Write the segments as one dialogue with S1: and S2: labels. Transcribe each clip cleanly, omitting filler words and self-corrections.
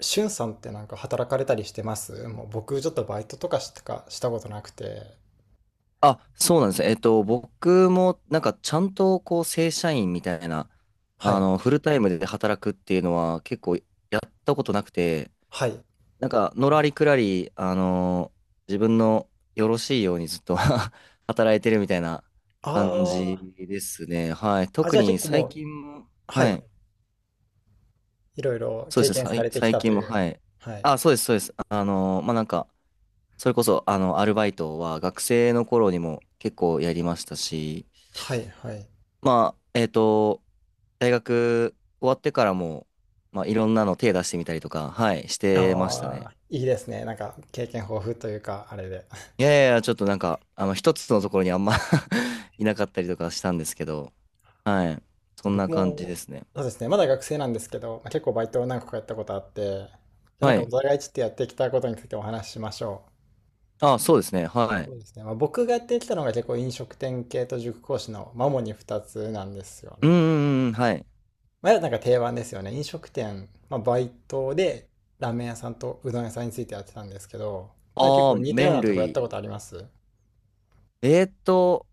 S1: しゅんさんってなんか働かれたりしてますもう僕ちょっとバイトとかしかしたことなくて。
S2: あ、そうなんですね。僕も、ちゃんと、正社員みたいな、
S1: はい。
S2: フルタイムで働くっていうのは、結構、やったことなくて、
S1: はい。
S2: なんか、のらりくらり、自分のよろしいようにずっと 働いてるみたいな
S1: あ
S2: 感じ
S1: あ。
S2: ですね。はい。
S1: あ、
S2: 特
S1: じゃあ
S2: に
S1: 結構も
S2: 最
S1: う、
S2: 近も、
S1: は
S2: は
S1: い。
S2: い。
S1: いろいろ
S2: そう
S1: 経
S2: ですね。
S1: 験さ
S2: 最
S1: れてき
S2: 最
S1: たと
S2: 近
S1: い
S2: も、
S1: う。
S2: はい。
S1: はい。
S2: あ、そうです。それこそ、アルバイトは、学生の頃にも結構やりましたし、
S1: はい、はい。
S2: まあ、えっと、大学終わってからも、まあ、いろんなの手出してみたりとか、はい、してました
S1: あ
S2: ね。
S1: あ、いいですね。なんか経験豊富というか、あれで。
S2: いやいやいや、ちょっとなんか、一つのところにあんま いなかったりとかしたんですけど、はい、そ
S1: そう
S2: んな
S1: 僕
S2: 感じで
S1: も、
S2: すね。
S1: そうですね。まだ学生なんですけど、まあ結構バイトを何個かやったことあって、じゃあな
S2: は
S1: んかお
S2: い。
S1: 互いちょっとやってきたことについてお話ししましょう。
S2: あ、そうですね、は
S1: そ
S2: い。
S1: うですね。まあ、僕がやってきたのが結構飲食店系と塾講師のマモに2つなんですよ
S2: うん、う
S1: ね。
S2: んうん、はい。
S1: まあ、なんか定番ですよね。飲食店、まあ、バイトでラーメン屋さんとうどん屋さんについてやってたんですけど、なんか結
S2: ああ、
S1: 構似たよう
S2: 麺
S1: なとこやった
S2: 類。
S1: ことあります？
S2: えーっと、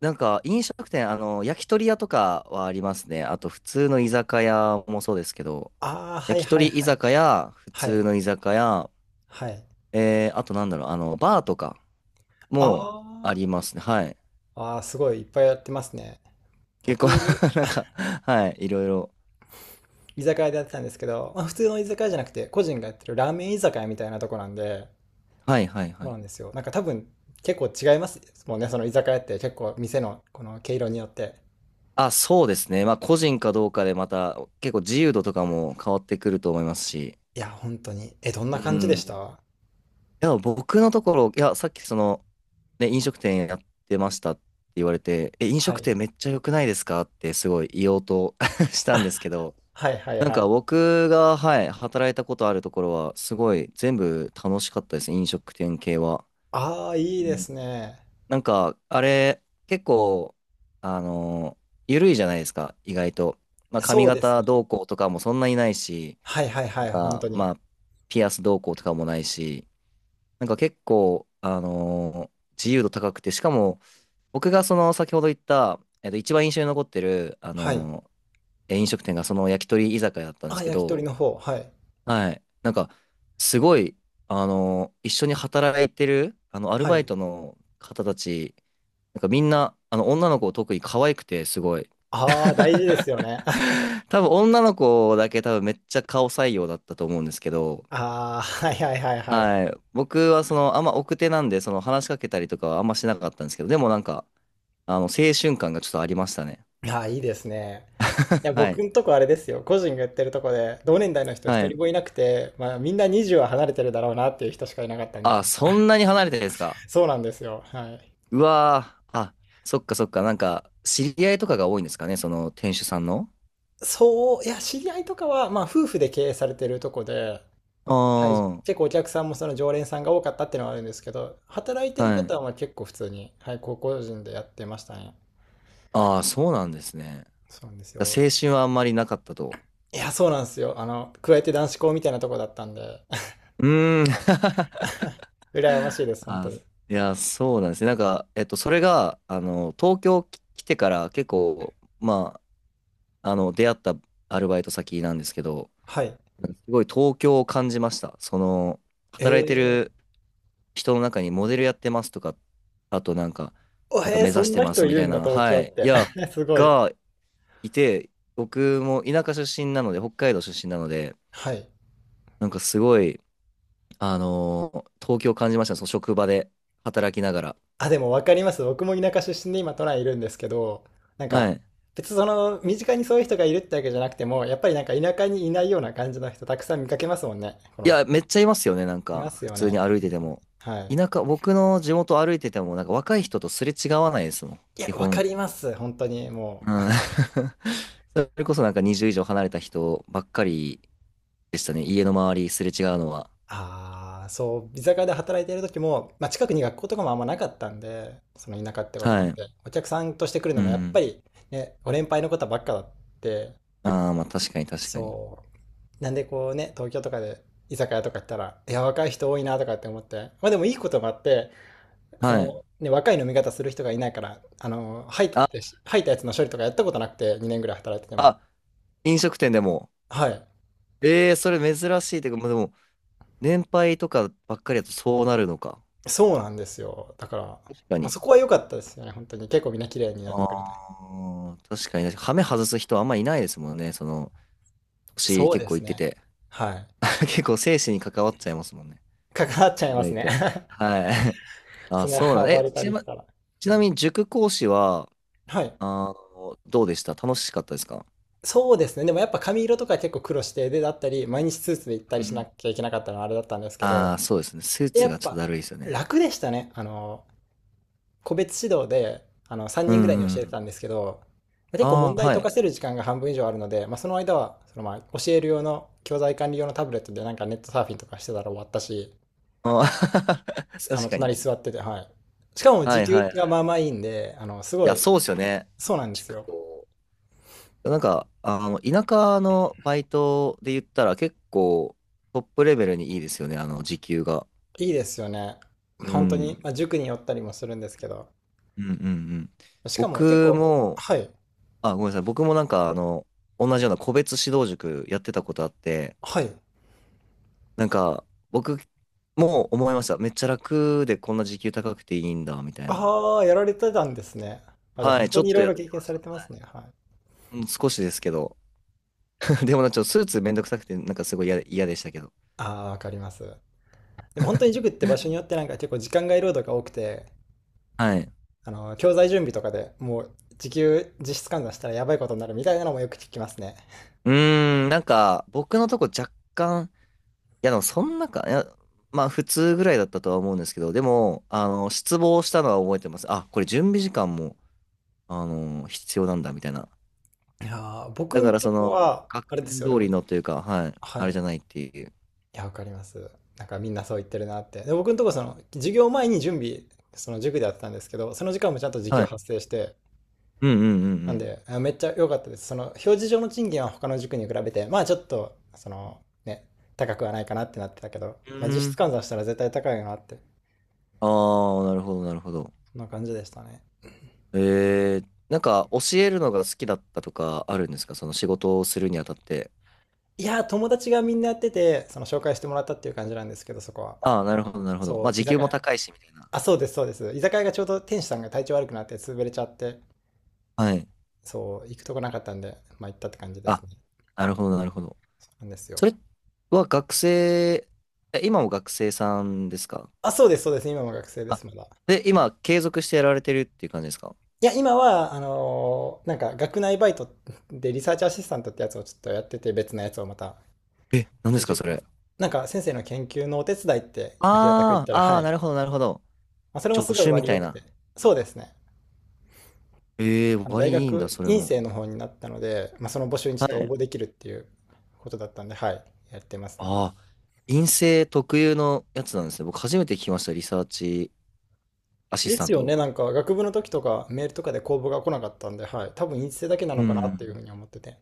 S2: 飲食店、焼き鳥屋とかはありますね。あと、普通の居酒屋もそうですけど、
S1: ああー、はい
S2: 焼き
S1: はい
S2: 鳥居
S1: はい。
S2: 酒屋、普
S1: は
S2: 通
S1: い。
S2: の居酒屋、
S1: はい。
S2: あとなんだろう、バーとかも
S1: あ
S2: ありますね。はい。
S1: あ、ああ、すごいいっぱいやってますね。
S2: 結
S1: 僕
S2: 構
S1: も
S2: なんか、はい、いろいろ。
S1: 居酒屋でやってたんですけど、まあ、普通の居酒屋じゃなくて個人がやってるラーメン居酒屋みたいなとこなんで、
S2: はい、はい、
S1: そ
S2: は
S1: う
S2: い。
S1: なんですよ。なんか多分結構違いますもんね、その居酒屋って結構店のこの毛色によって。
S2: あ、そうですね。まあ、個人かどうかでまた、結構自由度とかも変わってくると思いますし。
S1: いや、本当に。え、どん
S2: う
S1: な感じで
S2: ん。
S1: し
S2: い
S1: た？
S2: や、僕のところ、いや、さっきその、ね、飲食店やってましたって言われて、え、飲
S1: は
S2: 食
S1: い。
S2: 店めっちゃ良くないですかってすごい言おうと したんですけど、
S1: はいはい
S2: なん
S1: は
S2: か
S1: い。
S2: 僕が、はい、働いたことあるところは、すごい全部楽しかったです。飲食店系は。
S1: ああ、いいですね。
S2: なんか、あれ、結構、あの緩いじゃないですか、意外と。まあ、髪
S1: そうです
S2: 型
S1: ね。
S2: どうこうとかもそんなにないし、
S1: はいはい
S2: な
S1: は
S2: ん
S1: い、本
S2: か、
S1: 当に。
S2: まあ、ピアスどうこうとかもないし、なんか結構、自由度高くて、しかも、僕がその、先ほど言った、一番印象に残ってる、あ
S1: はい。
S2: のえ飲食店がその焼き鳥居酒屋だったんで
S1: あ、
S2: すけ
S1: 焼き
S2: ど、
S1: 鳥の方。はい。
S2: はい。なんか、すごい、一緒に働いてる、アル
S1: は
S2: バイ
S1: い。
S2: トの方たち、なんかみんな、女の子特に可愛くて、すごい。
S1: ああ、大事ですよね。
S2: 多分女の子だけめっちゃ顔採用だったと思うんですけど、
S1: ああ、はいはいはいはい。
S2: はい。僕はその、あんま奥手なんで、その話しかけたりとかはあんましなかったんですけど、でもなんか、青春感がちょっとありましたね。
S1: ああ、いいですね。いや、
S2: は
S1: 僕
S2: い。
S1: んとこあれですよ。個人がやってるとこで、同年代の人一
S2: は
S1: 人
S2: い。
S1: もいなくて、まあみんな20は離れてるだろうなっていう人しかいなかったんで
S2: あ、
S1: す。
S2: そんなに離れてるんですか？
S1: そうなんですよ。はい。
S2: うわー。あ、そっかそっか。なんか、知り合いとかが多いんですかね、その店主さんの。
S1: そう、いや、知り合いとかは、まあ、夫婦で経営されてるとこで、はい、
S2: あ
S1: 結構お客さんもその常連さんが多かったっていうのはあるんですけど、働いて
S2: あ、
S1: る
S2: は
S1: 方
S2: い。
S1: はまあ結構普通に、はい、高校人でやってましたね。
S2: ああ、そうなんですね。
S1: そうなんですよ。
S2: 青春はあんまりなかったと。
S1: いや、そうなんですよ。あの、加えて男子校みたいなとこだったんで、
S2: うーん。
S1: 羨ましいです、本当
S2: あ、
S1: に。
S2: いや、そうなんですね。なんか、それが、東京き来てから結構、出会ったアルバイト先なんですけど、
S1: はい。
S2: すごい東京を感じました。その、
S1: え
S2: 働いて
S1: ー、
S2: る人の中にモデルやってますとか、あとなんか、
S1: お
S2: なんか
S1: へー
S2: 目
S1: そ
S2: 指
S1: ん
S2: して
S1: な
S2: ま
S1: 人
S2: す
S1: い
S2: み
S1: る
S2: たい
S1: んだ、
S2: な、
S1: 東
S2: は
S1: 京っ
S2: い。い
S1: て。
S2: や、
S1: すごい。
S2: がいて、僕も田舎出身なので、北海道出身なので、
S1: はい。
S2: なんかすごい、東京を感じました。その職場で働きながら。
S1: あ、でも分かります。僕も田舎出身で今都内いるんですけど、なん
S2: は
S1: か
S2: い。
S1: 別にその身近にそういう人がいるってわけじゃなくても、やっぱりなんか田舎にいないような感じの人たくさん見かけますもんね。こ
S2: い
S1: の、
S2: や、めっちゃいますよね、なん
S1: い
S2: か、
S1: ます
S2: 普
S1: よ
S2: 通
S1: ね。
S2: に歩いてても。
S1: はい。
S2: 田舎、僕の地元歩いてても、なんか若い人とすれ違わないですもん、
S1: いや、
S2: 基
S1: 分か
S2: 本。
S1: ります。本当に
S2: う
S1: もう。
S2: ん。それこそなんか20以上離れた人ばっかりでしたね、家の周りすれ違うのは。
S1: ああ、そう、居酒屋で働いている時も、まあ、近くに学校とかもあんまなかったんで、その田舎ってこともあっ
S2: はい。
S1: て、お客さんとして来る
S2: う
S1: のもやっぱ
S2: ん。
S1: りね、ご年配の方ばっかだって、
S2: ああ、まあ確かに確かに。
S1: そう。なんでこうね、東京とかで居酒屋とか行ったら、いや、若い人多いなとかって思って、まあでもいいこともあって、そ
S2: はい。
S1: の、ね、若い飲み方する人がいないから、あの、
S2: あ、
S1: 入ったやつの処理とかやったことなくて、2年ぐらい働いてても。
S2: あ、飲食店でも。
S1: はい。
S2: ええ、それ珍しいというか、まあでも、年配とかばっかりだとそうなるのか。
S1: そうなんですよ。だから、
S2: 確か
S1: まあ
S2: に。
S1: そこは良かったですよね、本当に。結構みんな綺麗に飲んでくれて。
S2: ああ、確かに。はめ外す人あんまいないですもんね、その、星
S1: そう
S2: 結
S1: で
S2: 構行
S1: す
S2: って
S1: ね。
S2: て、
S1: はい。
S2: 結構生死に関わっちゃいますもんね。
S1: 関わっちゃい
S2: 意
S1: ます
S2: 外
S1: ね。
S2: と。はい。あ、
S1: そんな
S2: そうなんだ。
S1: 暴
S2: え、
S1: れたりしたら。う
S2: ちな
S1: ん、
S2: みに塾講師は、
S1: はい。
S2: あどうでした？楽しかったですか？
S1: そうですね。でもやっぱ髪色とか結構苦労して、で、だったり、毎日スーツで行った
S2: う
S1: り
S2: んう
S1: しな
S2: ん。
S1: きゃいけなかったのはあれだったんですけ
S2: ああー、
S1: ど、
S2: そうですね。スー
S1: で、や
S2: ツ
S1: っ
S2: がちょっと
S1: ぱ
S2: だるいですよね。
S1: 楽でしたね。あの、個別指導で、あの、3
S2: う
S1: 人ぐらいに
S2: んう
S1: 教えて
S2: ん。
S1: たんですけど、結構問
S2: ああ、
S1: 題
S2: は
S1: 解
S2: い。
S1: かせる時間が半分以上あるので、まあ、その間は、そのまあ、教える用の、教材管理用のタブレットでなんかネットサーフィンとかしてたら終わったし、
S2: あー
S1: すあの、
S2: 確か
S1: 隣
S2: に。
S1: 座ってて、はい。しかも
S2: は
S1: 時
S2: い
S1: 給
S2: はいは
S1: がま
S2: い。
S1: あまあいいんで、あの、す
S2: い
S1: ご
S2: や、
S1: い、
S2: そうですよね。
S1: そうなんです
S2: 塾
S1: よ。
S2: 講。田舎のバイトで言ったら結構トップレベルにいいですよね。あの、時給が。
S1: いいですよね。
S2: う
S1: 本当に、
S2: ん。
S1: まあ、塾に寄ったりもするんですけど、
S2: うんうんうん。
S1: しかも結
S2: 僕
S1: 構、
S2: も、
S1: はい、
S2: あ、ごめんなさい。僕もなんか、同じような個別指導塾やってたことあって、
S1: はい。
S2: なんか、僕も思いました。めっちゃ楽でこんな時給高くていいんだ、みたいな。
S1: ああ、やられてたんですね。あ、じゃあ
S2: は
S1: 本
S2: い、ち
S1: 当
S2: ょっ
S1: にい
S2: と
S1: ろい
S2: やっ
S1: ろ経
S2: て
S1: 験
S2: ま
S1: さ
S2: し
S1: れ
S2: た。
S1: てま
S2: は
S1: す
S2: い。
S1: ね。はい。
S2: うん、少しですけど。でもなんかちょっとスーツめんどくさくて、なんかすごい嫌でしたけど。
S1: ああ、わかります。でも本当に塾って場所によってなんか結構時間外労働が多くて、
S2: はい。
S1: あの、教材準備とかでもう時給実質換算したらやばいことになるみたいなのもよく聞きますね。
S2: うーん、なんか、僕のとこ若干、いや、でもそんなか、いや、まあ普通ぐらいだったとは思うんですけど、でも、失望したのは覚えてます。あ、これ準備時間も、必要なんだみたいな。
S1: いやー、僕
S2: だか
S1: ん
S2: ら
S1: と
S2: そ
S1: こ
S2: の、
S1: は、あ
S2: 学
S1: れです
S2: 年
S1: よ、で
S2: 通
S1: も、
S2: りのというか、はい、
S1: は
S2: あ
S1: い。
S2: れ
S1: い
S2: じゃないっていう。
S1: や、わかります。なんかみんなそう言ってるなって。で、僕んとこその、授業前に準備、その塾でやってたんですけど、その時間もちゃんと時
S2: は
S1: 給
S2: い。
S1: 発生して、
S2: うんうんう
S1: なん
S2: ん
S1: で、めっちゃ良かったです。その、表示上の賃金は他の塾に比べて、まあちょっと、その、ね、高くはないかなってなってたけど、
S2: う
S1: ま
S2: ん。
S1: あ
S2: う
S1: 実質
S2: ん。
S1: 換算したら絶対高いよなって、
S2: ああ、なるほど、なるほど。
S1: そんな感じでしたね。
S2: えー、なんか教えるのが好きだったとかあるんですか？その仕事をするにあたって。
S1: いやー、友達がみんなやってて、その紹介してもらったっていう感じなんですけど、そこは。
S2: ああ、なるほど、なるほど。
S1: そ
S2: まあ
S1: う、居
S2: 時給
S1: 酒
S2: も
S1: 屋。
S2: 高いし、みたいな。
S1: あ、そうです、そうです。居酒屋がちょうど店主さんが体調悪くなって潰れちゃって、
S2: はい。
S1: そう、行くとこなかったんで、まあ行ったって感じです
S2: あ、
S1: ね。
S2: なるほど、なるほど。
S1: そうなんです
S2: そ
S1: よ。
S2: れは学生、え、今も学生さんですか？
S1: あ、そうです、そうです。今も学生で
S2: あ、
S1: す、まだ。
S2: で、今継続してやられてるっていう感じですか？
S1: いや、今は、なんか学内バイトでリサーチアシスタントってやつをちょっとやってて、別のやつをまた。
S2: え、何で
S1: で、
S2: すかそ
S1: 塾は
S2: れ。
S1: なんか先生の研究のお手伝いって、まあ、平たく言っ
S2: あ
S1: た
S2: あ、
S1: ら、は
S2: ああ、な
S1: い。
S2: るほど、なるほど。
S1: まあ、それもす
S2: 助
S1: ごい
S2: 手み
S1: 割り
S2: た
S1: 良
S2: い
S1: くて。
S2: な。
S1: そうですね。
S2: ええ、
S1: あの
S2: 割
S1: 大
S2: いいんだ、
S1: 学
S2: それ
S1: 院
S2: も。
S1: 生の方になったので、まあ、その募集にちょ
S2: は
S1: っと
S2: い。
S1: 応募できるっていうことだったんで、はい。やってますね。
S2: ああ、陰性特有のやつなんですね。僕初めて聞きました、リサーチアシス
S1: で
S2: タ
S1: す
S2: ン
S1: よね。
S2: ト。
S1: なんか学部の時とかメールとかで公募が来なかったんで、はい。多分院生だけな
S2: う
S1: のかなってい
S2: ん。
S1: うふうに思ってて。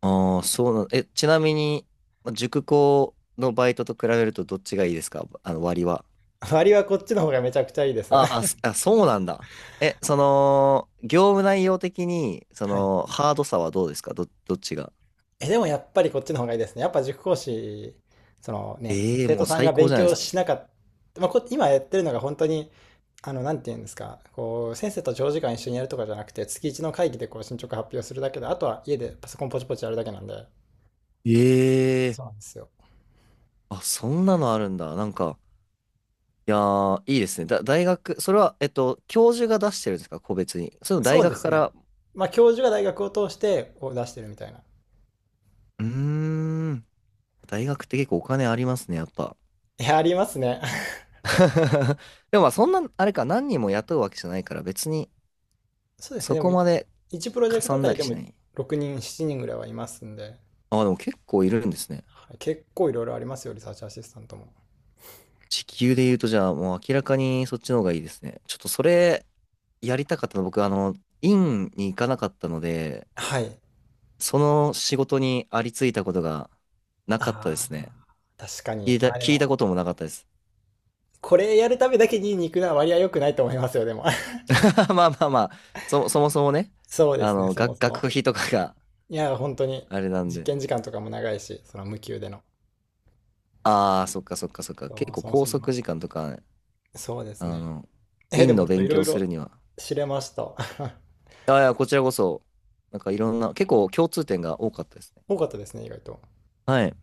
S2: ああ、そうな、ちなみに、ま塾講のバイトと比べるとどっちがいいですか？あの、割は。
S1: 割はこっちの方がめちゃくちゃいいです。
S2: ああ、そうなんだ。え、その、業務内容的に、そ
S1: はい。
S2: の、ハードさはどうですか？どっちが。
S1: え、でもやっぱりこっちの方がいいですね。やっぱ塾講師、そのね、
S2: ええ、
S1: 生
S2: も
S1: 徒
S2: う
S1: さん
S2: 最
S1: が
S2: 高
S1: 勉
S2: じゃないで
S1: 強
S2: すか。
S1: しなかった、まあ、今やってるのが本当に、あの、なんて言うんですか、こう、先生と長時間一緒にやるとかじゃなくて、月1の会議でこう進捗発表するだけで、あとは家でパソコンポチポチやるだけなんで、
S2: ええ、
S1: そうなんですよ。
S2: あ、そんなのあるんだ。いやー、いいですね。大学、それは、教授が出してるんですか、個別に。その大
S1: そうで
S2: 学
S1: す
S2: か
S1: ね。
S2: ら、
S1: まあ、教授が大学を通してを出してるみたいな。
S2: うーん、大学って結構お金ありますね、やっぱ。
S1: いや、ありますね。
S2: でもまあ、そんな、あれか、何人も雇うわけじゃないから、別に、
S1: そうですね。
S2: そ
S1: でも、
S2: こまで
S1: 1プロジェ
S2: か
S1: クト
S2: さ
S1: あ
S2: ん
S1: た
S2: だ
S1: り
S2: り
S1: で
S2: し
S1: も
S2: ない。
S1: 6人、7人ぐらいはいますんで、
S2: あ、でも結構いるんですね。
S1: はい結構いろいろありますよ、リサーチアシスタントも。
S2: 時給で言うと、じゃあ、もう明らかにそっちの方がいいですね。ちょっとそれ、やりたかったの、僕、院に行かなかったので、
S1: はい。
S2: その仕事にありついたことがなかったで
S1: あ
S2: すね。
S1: あ、確かに。まあで
S2: 聞いた
S1: も、
S2: こともなかったです。
S1: これやるためだけに肉な割合良くないと思いますよ、でも。
S2: まあまあまあ、そもそもね、
S1: そうですね、そもそも。
S2: 学費とかが
S1: いや、本当 に、
S2: あれなん
S1: 実
S2: で。
S1: 験時間とかも長いし、その無給での。
S2: ああ、そっかそっかそっか。
S1: そ
S2: 結
S1: う、
S2: 構
S1: そもそ
S2: 拘
S1: もの。
S2: 束時間とか、
S1: そうです
S2: あ
S1: ね。
S2: の、
S1: え、で
S2: 院
S1: も
S2: の
S1: ちょっとい
S2: 勉
S1: ろ
S2: 強
S1: い
S2: す
S1: ろ
S2: るには。
S1: 知れました。
S2: ああいや、こちらこそ、なんかいろんな、結構共通点が多かったですね。
S1: 多かったですね、意外と。
S2: はい。